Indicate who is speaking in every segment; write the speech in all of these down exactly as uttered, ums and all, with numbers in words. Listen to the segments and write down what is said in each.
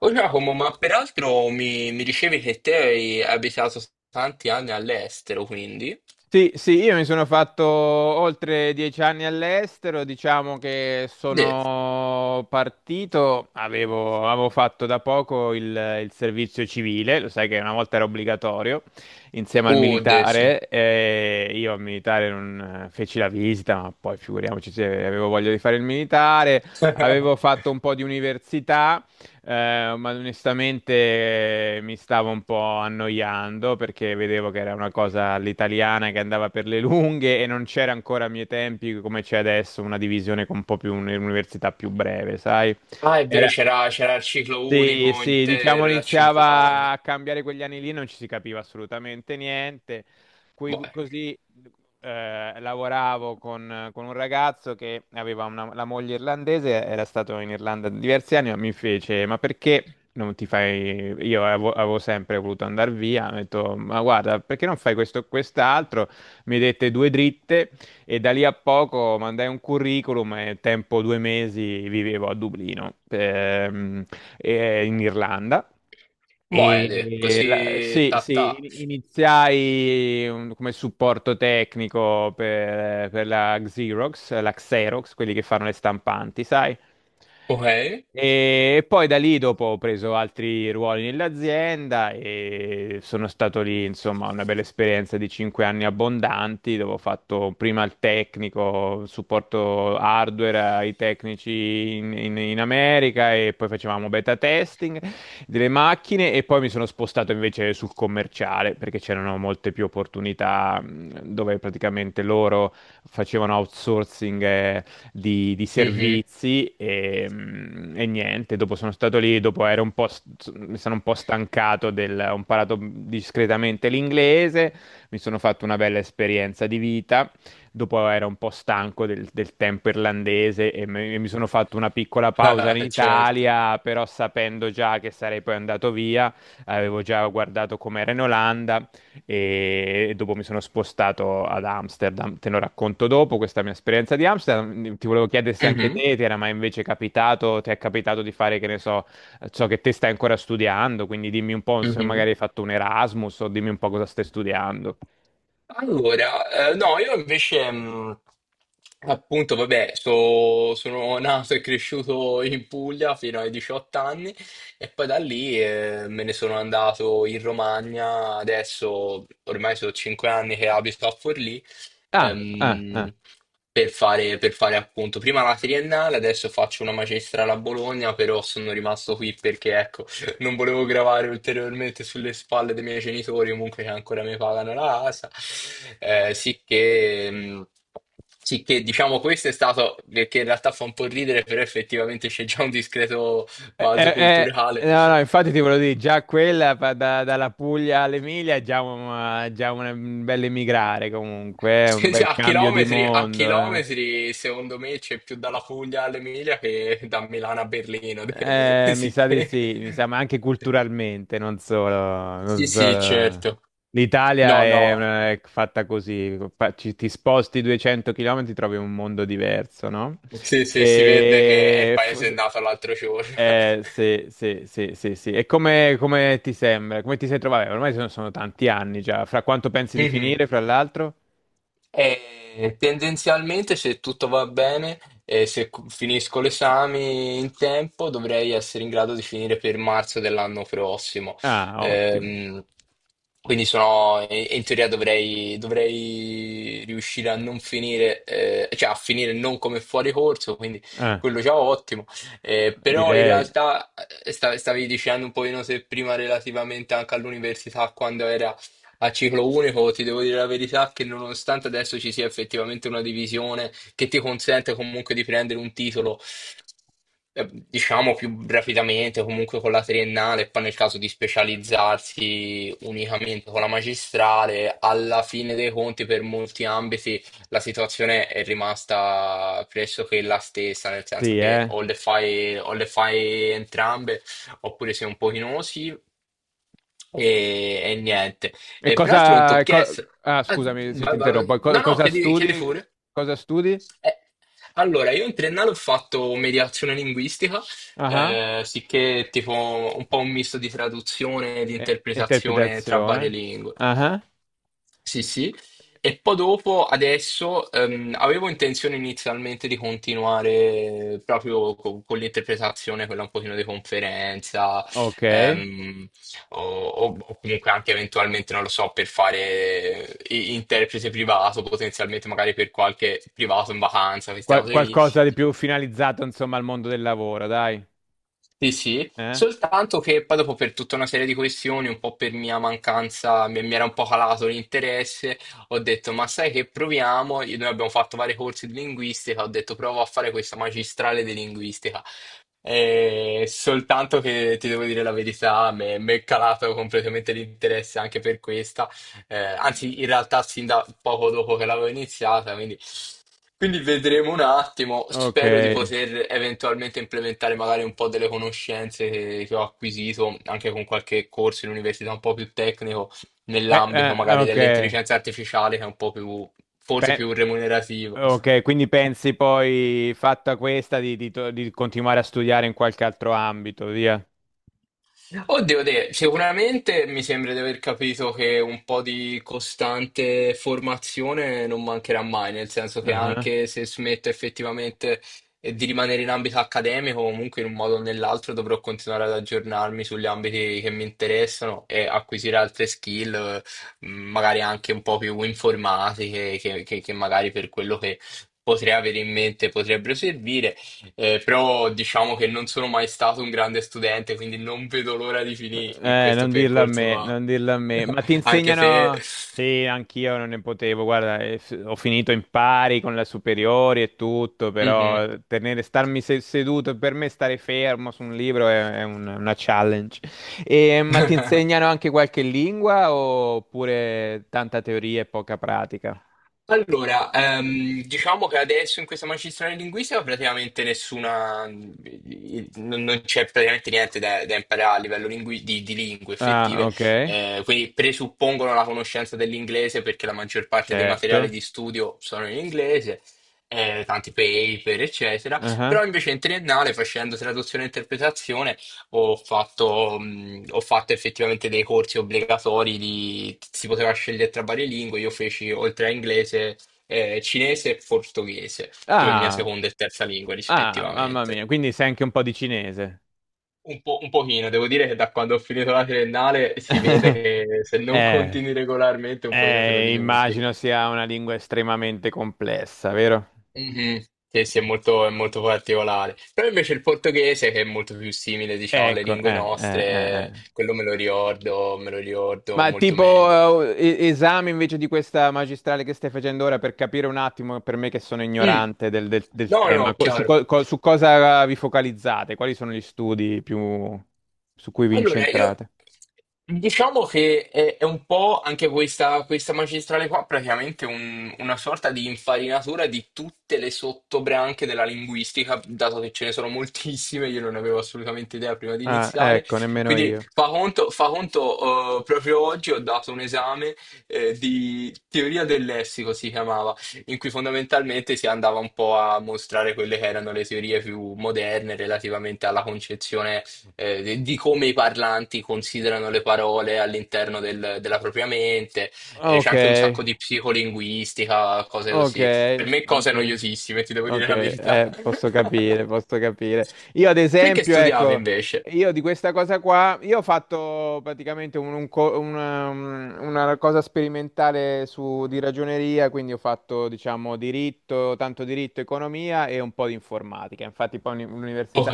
Speaker 1: Oh Giacomo, ma peraltro mi, mi dicevi che te hai abitato tanti anni all'estero, quindi?
Speaker 2: Sì, sì, io mi sono fatto oltre dieci anni all'estero, diciamo che
Speaker 1: De.
Speaker 2: sono partito, avevo, avevo fatto da poco il, il servizio civile. Lo sai che una volta era obbligatorio, insieme al
Speaker 1: Uh, de, sì.
Speaker 2: militare, e io al militare non eh, feci la visita, ma poi figuriamoci se avevo voglia di fare il militare. Avevo fatto un po' di università, eh, ma onestamente, eh, mi stavo un po' annoiando perché vedevo che era una cosa all'italiana che andava per le lunghe e non c'era ancora a miei tempi, come c'è adesso, una divisione con un po' più un'università più breve, sai?
Speaker 1: Ah, è vero,
Speaker 2: Era-
Speaker 1: c'era c'era il ciclo
Speaker 2: sì,
Speaker 1: unico
Speaker 2: sì, diciamo
Speaker 1: intero da 5
Speaker 2: iniziava
Speaker 1: anni.
Speaker 2: a cambiare quegli anni lì, non ci si capiva assolutamente niente.
Speaker 1: Boh,
Speaker 2: Qui- così, eh, lavoravo con, con un ragazzo che aveva una- la moglie irlandese, era stato in Irlanda diversi anni, ma mi fece, ma perché non ti fai... Io avevo, avevo sempre voluto andare via, ho detto, ma guarda, perché non fai questo o quest'altro? Mi dette due dritte e da lì a poco mandai un curriculum e tempo due mesi vivevo a Dublino. Ehm, eh, in Irlanda.
Speaker 1: boh, de,
Speaker 2: E la-
Speaker 1: così
Speaker 2: sì,
Speaker 1: ta ta.
Speaker 2: sì, in- iniziai un- come supporto tecnico per, per la Xerox, la Xerox, quelli che fanno le stampanti, sai?
Speaker 1: Ok?
Speaker 2: E poi da lì dopo ho preso altri ruoli nell'azienda e sono stato lì, insomma, una bella esperienza di cinque anni abbondanti, dove ho fatto prima il tecnico, supporto hardware ai tecnici in, in- in America e poi facevamo beta testing delle macchine. E poi mi sono spostato invece sul commerciale perché c'erano molte più opportunità, mh, dove praticamente loro facevano outsourcing eh, di, di
Speaker 1: Mhm.
Speaker 2: servizi. E, mm, e niente, dopo sono stato lì, dopo ero un po', st- mi sono un po' stancato del, ho imparato discretamente l'inglese, mi sono fatto una bella esperienza di vita. Dopo ero un po' stanco del, del tempo irlandese, e me- e mi sono fatto una piccola pausa in
Speaker 1: Certo.
Speaker 2: Italia, però sapendo già che sarei poi andato via. Avevo già guardato com'era in Olanda e dopo mi sono spostato ad Amsterdam. Te lo racconto dopo, questa mia esperienza di Amsterdam. Ti volevo chiedere se anche
Speaker 1: Mhm,
Speaker 2: te ti era mai invece capitato, ti è capitato di fare, che ne so, ciò che te stai ancora studiando, quindi dimmi un po' se magari
Speaker 1: mhm.
Speaker 2: hai fatto un Erasmus o dimmi un po' cosa stai studiando.
Speaker 1: Allora, eh, no, io invece, mh, appunto, vabbè, so- sono nato e cresciuto in Puglia fino ai 18 anni e poi da lì eh, me ne sono andato in Romagna, adesso ormai sono 5 anni che abito a Forlì,
Speaker 2: Ah, ah, ah.
Speaker 1: ehm, per fare, per fare appunto prima la triennale, adesso faccio una magistrale a Bologna, però sono rimasto qui perché ecco, non volevo gravare ulteriormente sulle spalle dei miei genitori, comunque che ancora mi pagano la casa. Eh, sì che, mh, sì che, diciamo questo è stato, che che in realtà fa un po' ridere, però effettivamente c'è già un discreto
Speaker 2: Eh,
Speaker 1: balzo
Speaker 2: eh,
Speaker 1: culturale.
Speaker 2: eh, no, no, infatti ti volevo dire, già quella pa- da- dalla Puglia all'Emilia è già un, già un bel emigrare comunque, è un
Speaker 1: Sì, sì,
Speaker 2: bel
Speaker 1: A
Speaker 2: cambio di
Speaker 1: chilometri, a
Speaker 2: mondo.
Speaker 1: chilometri, secondo me c'è più dalla Puglia all'Emilia che da Milano a Berlino.
Speaker 2: Eh, mi
Speaker 1: Sì
Speaker 2: sa di
Speaker 1: che...
Speaker 2: sì, mi sa, ma anche culturalmente, non solo, non
Speaker 1: Sì, sì,
Speaker 2: solo.
Speaker 1: certo.
Speaker 2: L'Italia
Speaker 1: No,
Speaker 2: è,
Speaker 1: no.
Speaker 2: una- è fatta così, fa- ci- ti sposti duecento chilometri, trovi un mondo diverso, no?
Speaker 1: Sì, sì, si vede che è il
Speaker 2: E... fo-
Speaker 1: paese nato l'altro giorno.
Speaker 2: eh, sì, sì, sì, sì, sì. E come, come ti sembra? Come ti sei trovato? Vabbè, ormai sono, sono tanti anni già, fra quanto pensi di
Speaker 1: Mhm.
Speaker 2: finire, fra l'altro?
Speaker 1: E tendenzialmente, se tutto va bene e se cu- finisco l'esame in tempo, dovrei essere in grado di finire per marzo dell'anno prossimo.
Speaker 2: Ah, ottimo.
Speaker 1: Ehm, quindi sono, in in teoria dovrei, dovrei riuscire a non finire, eh, cioè a finire non come fuori corso, quindi
Speaker 2: Eh,
Speaker 1: quello già ottimo. Eh, però in
Speaker 2: direi,
Speaker 1: realtà eh, sta- stavi dicendo un pochino se prima relativamente anche all'università, quando era a ciclo unico, ti devo dire la verità che nonostante adesso ci sia effettivamente una divisione che ti consente comunque di prendere un titolo eh, diciamo più rapidamente, comunque con la triennale, e poi nel caso di specializzarsi unicamente con la magistrale, alla fine dei conti per molti ambiti la situazione è rimasta pressoché la stessa, nel senso
Speaker 2: sì,
Speaker 1: che
Speaker 2: eh.
Speaker 1: o le fai, o le fai entrambe, oppure sei un pochino sì e, e niente.
Speaker 2: E
Speaker 1: E peraltro non ti ho
Speaker 2: cosa... co-
Speaker 1: chiesto...
Speaker 2: ah,
Speaker 1: ah,
Speaker 2: scusami se ti
Speaker 1: vai, vai,
Speaker 2: interrompo.
Speaker 1: vai.
Speaker 2: E co-
Speaker 1: No, no,
Speaker 2: cosa
Speaker 1: chiedi, chiedi
Speaker 2: studi?
Speaker 1: pure.
Speaker 2: Cosa studi?
Speaker 1: Eh, Allora, io in triennale ho fatto mediazione linguistica,
Speaker 2: Ah,
Speaker 1: eh, sicché tipo un po' un misto di traduzione e di
Speaker 2: eh,
Speaker 1: interpretazione tra varie
Speaker 2: interpretazione.
Speaker 1: lingue.
Speaker 2: Ah,
Speaker 1: Sì, sì. E poi dopo, adesso, ehm, avevo intenzione inizialmente di continuare proprio co- con l'interpretazione, quella un pochino di conferenza,
Speaker 2: ok.
Speaker 1: ehm, o, o- o comunque anche eventualmente, non lo so, per fare i- interprete privato, potenzialmente magari per qualche privato in vacanza, queste
Speaker 2: Qual-
Speaker 1: cose lì.
Speaker 2: qualcosa di più finalizzato, insomma, al mondo del lavoro, dai.
Speaker 1: Sì, sì,
Speaker 2: Eh?
Speaker 1: soltanto che poi dopo per tutta una serie di questioni, un po' per mia mancanza, mi mi era un po' calato l'interesse, ho detto, ma sai che proviamo? Io- Noi abbiamo fatto vari corsi di linguistica, ho detto provo a fare questa magistrale di linguistica. E soltanto che ti devo dire la verità, mi mi è calato completamente l'interesse anche per questa. Eh, anzi in realtà sin da poco dopo che l'avevo iniziata, quindi quindi vedremo un attimo,
Speaker 2: Ok.
Speaker 1: spero di poter eventualmente implementare magari un po' delle conoscenze che, che ho acquisito anche con qualche corso in università un po' più tecnico
Speaker 2: Beh,
Speaker 1: nell'ambito
Speaker 2: eh,
Speaker 1: magari
Speaker 2: ok.
Speaker 1: dell'intelligenza artificiale che è un po' più, forse
Speaker 2: Beh,
Speaker 1: più remunerativo.
Speaker 2: ok, quindi pensi poi, fatta questa, di, di to- di continuare a studiare in qualche altro ambito, via.
Speaker 1: Oddio, te, sicuramente mi sembra di aver capito che un po' di costante formazione non mancherà mai, nel senso che anche se smetto effettivamente eh, di rimanere in ambito accademico, comunque in un modo o nell'altro dovrò continuare ad aggiornarmi sugli ambiti che mi interessano e acquisire altre skill, eh, magari anche un po' più informatiche, che, che che magari per quello che potrei avere in mente potrebbero servire. Eh, però diciamo che non sono mai stato un grande studente, quindi non vedo l'ora di finire
Speaker 2: Eh,
Speaker 1: questo
Speaker 2: non dirlo a
Speaker 1: percorso
Speaker 2: me,
Speaker 1: qua.
Speaker 2: non dirlo a me, ma ti
Speaker 1: Anche se...
Speaker 2: insegnano... Sì, anch'io non ne potevo, guarda, eh, f- ho finito in pari con le superiori e tutto, però
Speaker 1: Mhm.
Speaker 2: eh, tenere, starmi se- seduto, per me stare fermo su un libro è, è un- una challenge. E, ma ti insegnano anche qualche lingua oppure tanta teoria e poca pratica?
Speaker 1: Allora, ehm, diciamo che adesso in questa magistrale linguistica praticamente nessuna, eh, non non c'è praticamente niente da, da imparare a livello lingui- di, di lingue
Speaker 2: Ah,
Speaker 1: effettive,
Speaker 2: ok,
Speaker 1: eh, quindi presuppongono la conoscenza dell'inglese perché la maggior parte dei materiali
Speaker 2: certo.
Speaker 1: di studio sono in inglese, eh, tanti paper, eccetera,
Speaker 2: Ah,
Speaker 1: però invece in triennale facendo traduzione e interpretazione ho fatto, mh, ho fatto effettivamente dei corsi obbligatori di, si poteva scegliere tra varie lingue, io feci oltre a inglese, eh, cinese e portoghese come mia
Speaker 2: Ah,
Speaker 1: seconda e terza lingua
Speaker 2: ah, mamma
Speaker 1: rispettivamente.
Speaker 2: mia, quindi sai anche un po' di cinese.
Speaker 1: Un po', un pochino, devo dire che da quando ho finito la triennale si vede che se non
Speaker 2: Eh.
Speaker 1: continui regolarmente un pochino te lo
Speaker 2: Eh,
Speaker 1: dimentichi.
Speaker 2: immagino sia una lingua estremamente complessa, vero?
Speaker 1: Mhm. Sì, sì, è molto, è molto particolare. Però invece il portoghese, che è molto più simile, diciamo, alle
Speaker 2: Ecco,
Speaker 1: lingue
Speaker 2: eh, eh, eh, eh.
Speaker 1: nostre, quello me lo ricordo, me lo ricordo
Speaker 2: Ma
Speaker 1: molto meglio.
Speaker 2: tipo, eh, e- esame invece di questa magistrale che stai facendo ora, per capire un attimo, per me che sono
Speaker 1: Mm.
Speaker 2: ignorante del, del- del
Speaker 1: No, no,
Speaker 2: tema, co- su,
Speaker 1: chiaro.
Speaker 2: co- co- su cosa vi focalizzate? Quali sono gli studi più su cui vi
Speaker 1: Allora, io
Speaker 2: incentrate?
Speaker 1: diciamo che è, è un po' anche questa, questa, magistrale qua, praticamente un- una sorta di infarinatura di tutte le sottobranche della linguistica, dato che ce ne sono moltissime, io non avevo assolutamente idea prima di
Speaker 2: Ah,
Speaker 1: iniziare.
Speaker 2: ecco, nemmeno
Speaker 1: Quindi
Speaker 2: io.
Speaker 1: fa conto, fa conto, eh, proprio oggi ho dato un esame, eh, di teoria del lessico, si chiamava, in cui fondamentalmente si andava un po' a mostrare quelle che erano le teorie più moderne relativamente alla concezione eh, di di come i parlanti considerano le parole all'interno del- della propria mente, eh, c'è
Speaker 2: Ok,
Speaker 1: anche un sacco di psicolinguistica, cose
Speaker 2: ok,
Speaker 1: così. Per me cose
Speaker 2: ok.
Speaker 1: noiosissime, ti devo dire
Speaker 2: Ok,
Speaker 1: la verità.
Speaker 2: eh, posso capire, posso capire. Io ad
Speaker 1: Te che
Speaker 2: esempio,
Speaker 1: studiavi
Speaker 2: ecco,
Speaker 1: invece?
Speaker 2: io di questa cosa qua, io ho fatto praticamente un- un co- una, una cosa sperimentale su, di ragioneria, quindi ho fatto, diciamo, diritto, tanto diritto, economia e un po' di informatica. Infatti poi all'università
Speaker 1: Ok.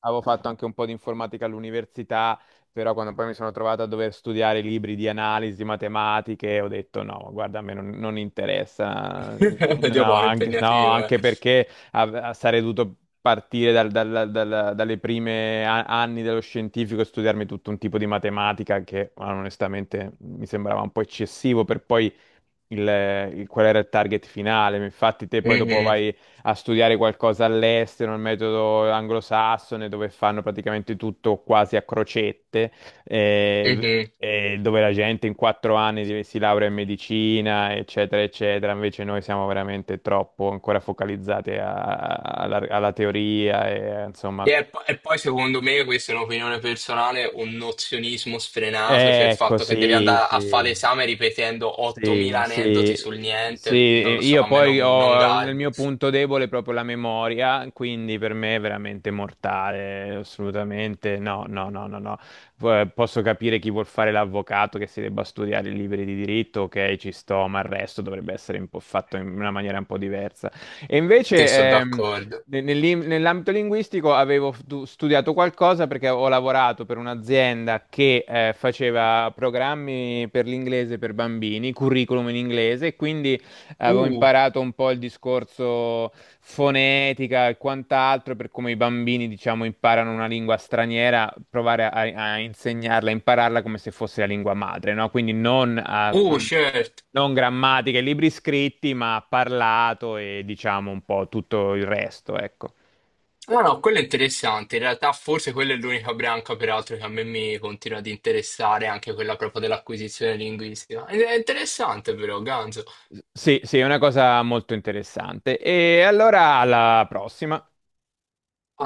Speaker 2: avevo fatto anche un po' di informatica all'università. Però quando poi mi sono trovato a dover studiare libri di analisi, matematiche, ho detto no, guarda, a me non, non interessa. Io-
Speaker 1: Medio
Speaker 2: no,
Speaker 1: buono,
Speaker 2: anche, no,
Speaker 1: impegnativo, eh.
Speaker 2: anche perché av- sarei dovuto partire dal, dal- dal- dalle prime a- anni dello scientifico e studiarmi tutto un tipo di matematica che onestamente mi sembrava un po' eccessivo per poi, il- il- qual era il target finale. Infatti, te poi dopo
Speaker 1: Mhm,
Speaker 2: vai a studiare qualcosa all'estero, il metodo anglosassone, dove fanno praticamente tutto quasi a crocette, eh,
Speaker 1: mhm.
Speaker 2: e dove la gente in quattro anni di- si laurea in medicina, eccetera, eccetera. Invece noi siamo veramente troppo ancora focalizzati a- alla, alla teoria, e, insomma.
Speaker 1: E, po- e poi secondo me, questa è un'opinione personale, un nozionismo sfrenato, cioè
Speaker 2: eh,
Speaker 1: il
Speaker 2: Ecco,
Speaker 1: fatto che devi
Speaker 2: sì,
Speaker 1: andare a fare
Speaker 2: sì.
Speaker 1: l'esame ripetendo
Speaker 2: Sì,
Speaker 1: ottomila aneddoti sul
Speaker 2: sì, sì,
Speaker 1: niente, non lo so,
Speaker 2: io
Speaker 1: a me
Speaker 2: poi
Speaker 1: non, non
Speaker 2: ho nel
Speaker 1: garba.
Speaker 2: mio punto debole proprio la memoria, quindi per me è veramente mortale, assolutamente no, no, no, no, no. Eh, Posso capire chi vuol fare l'avvocato, che si debba studiare i libri di diritto, ok, ci sto, ma il resto dovrebbe essere un po' fatto in una maniera un po' diversa. E
Speaker 1: Sì, sono
Speaker 2: invece, ehm,
Speaker 1: d'accordo.
Speaker 2: ne- nell'im- nell'ambito linguistico avevo stu- studiato qualcosa perché ho lavorato per un'azienda che eh, faceva programmi per l'inglese per bambini, curriculum in inglese, e quindi avevo
Speaker 1: Uh,
Speaker 2: imparato un po' il discorso fonetica e quant'altro per come i bambini, diciamo, imparano una lingua straniera, provare a, a insegnarla, a impararla come se fosse la lingua madre, no? Quindi non a...
Speaker 1: uh,
Speaker 2: con-
Speaker 1: certo.
Speaker 2: non grammatiche, libri scritti, ma parlato e diciamo un po' tutto il resto, ecco.
Speaker 1: No, no, quello è interessante. In realtà forse quella è l'unica branca, peraltro, che a me mi continua ad interessare, anche quella proprio dell'acquisizione linguistica. Ed è interessante però, ganzo.
Speaker 2: Sì, sì, è una cosa molto interessante. E allora alla prossima.
Speaker 1: Alla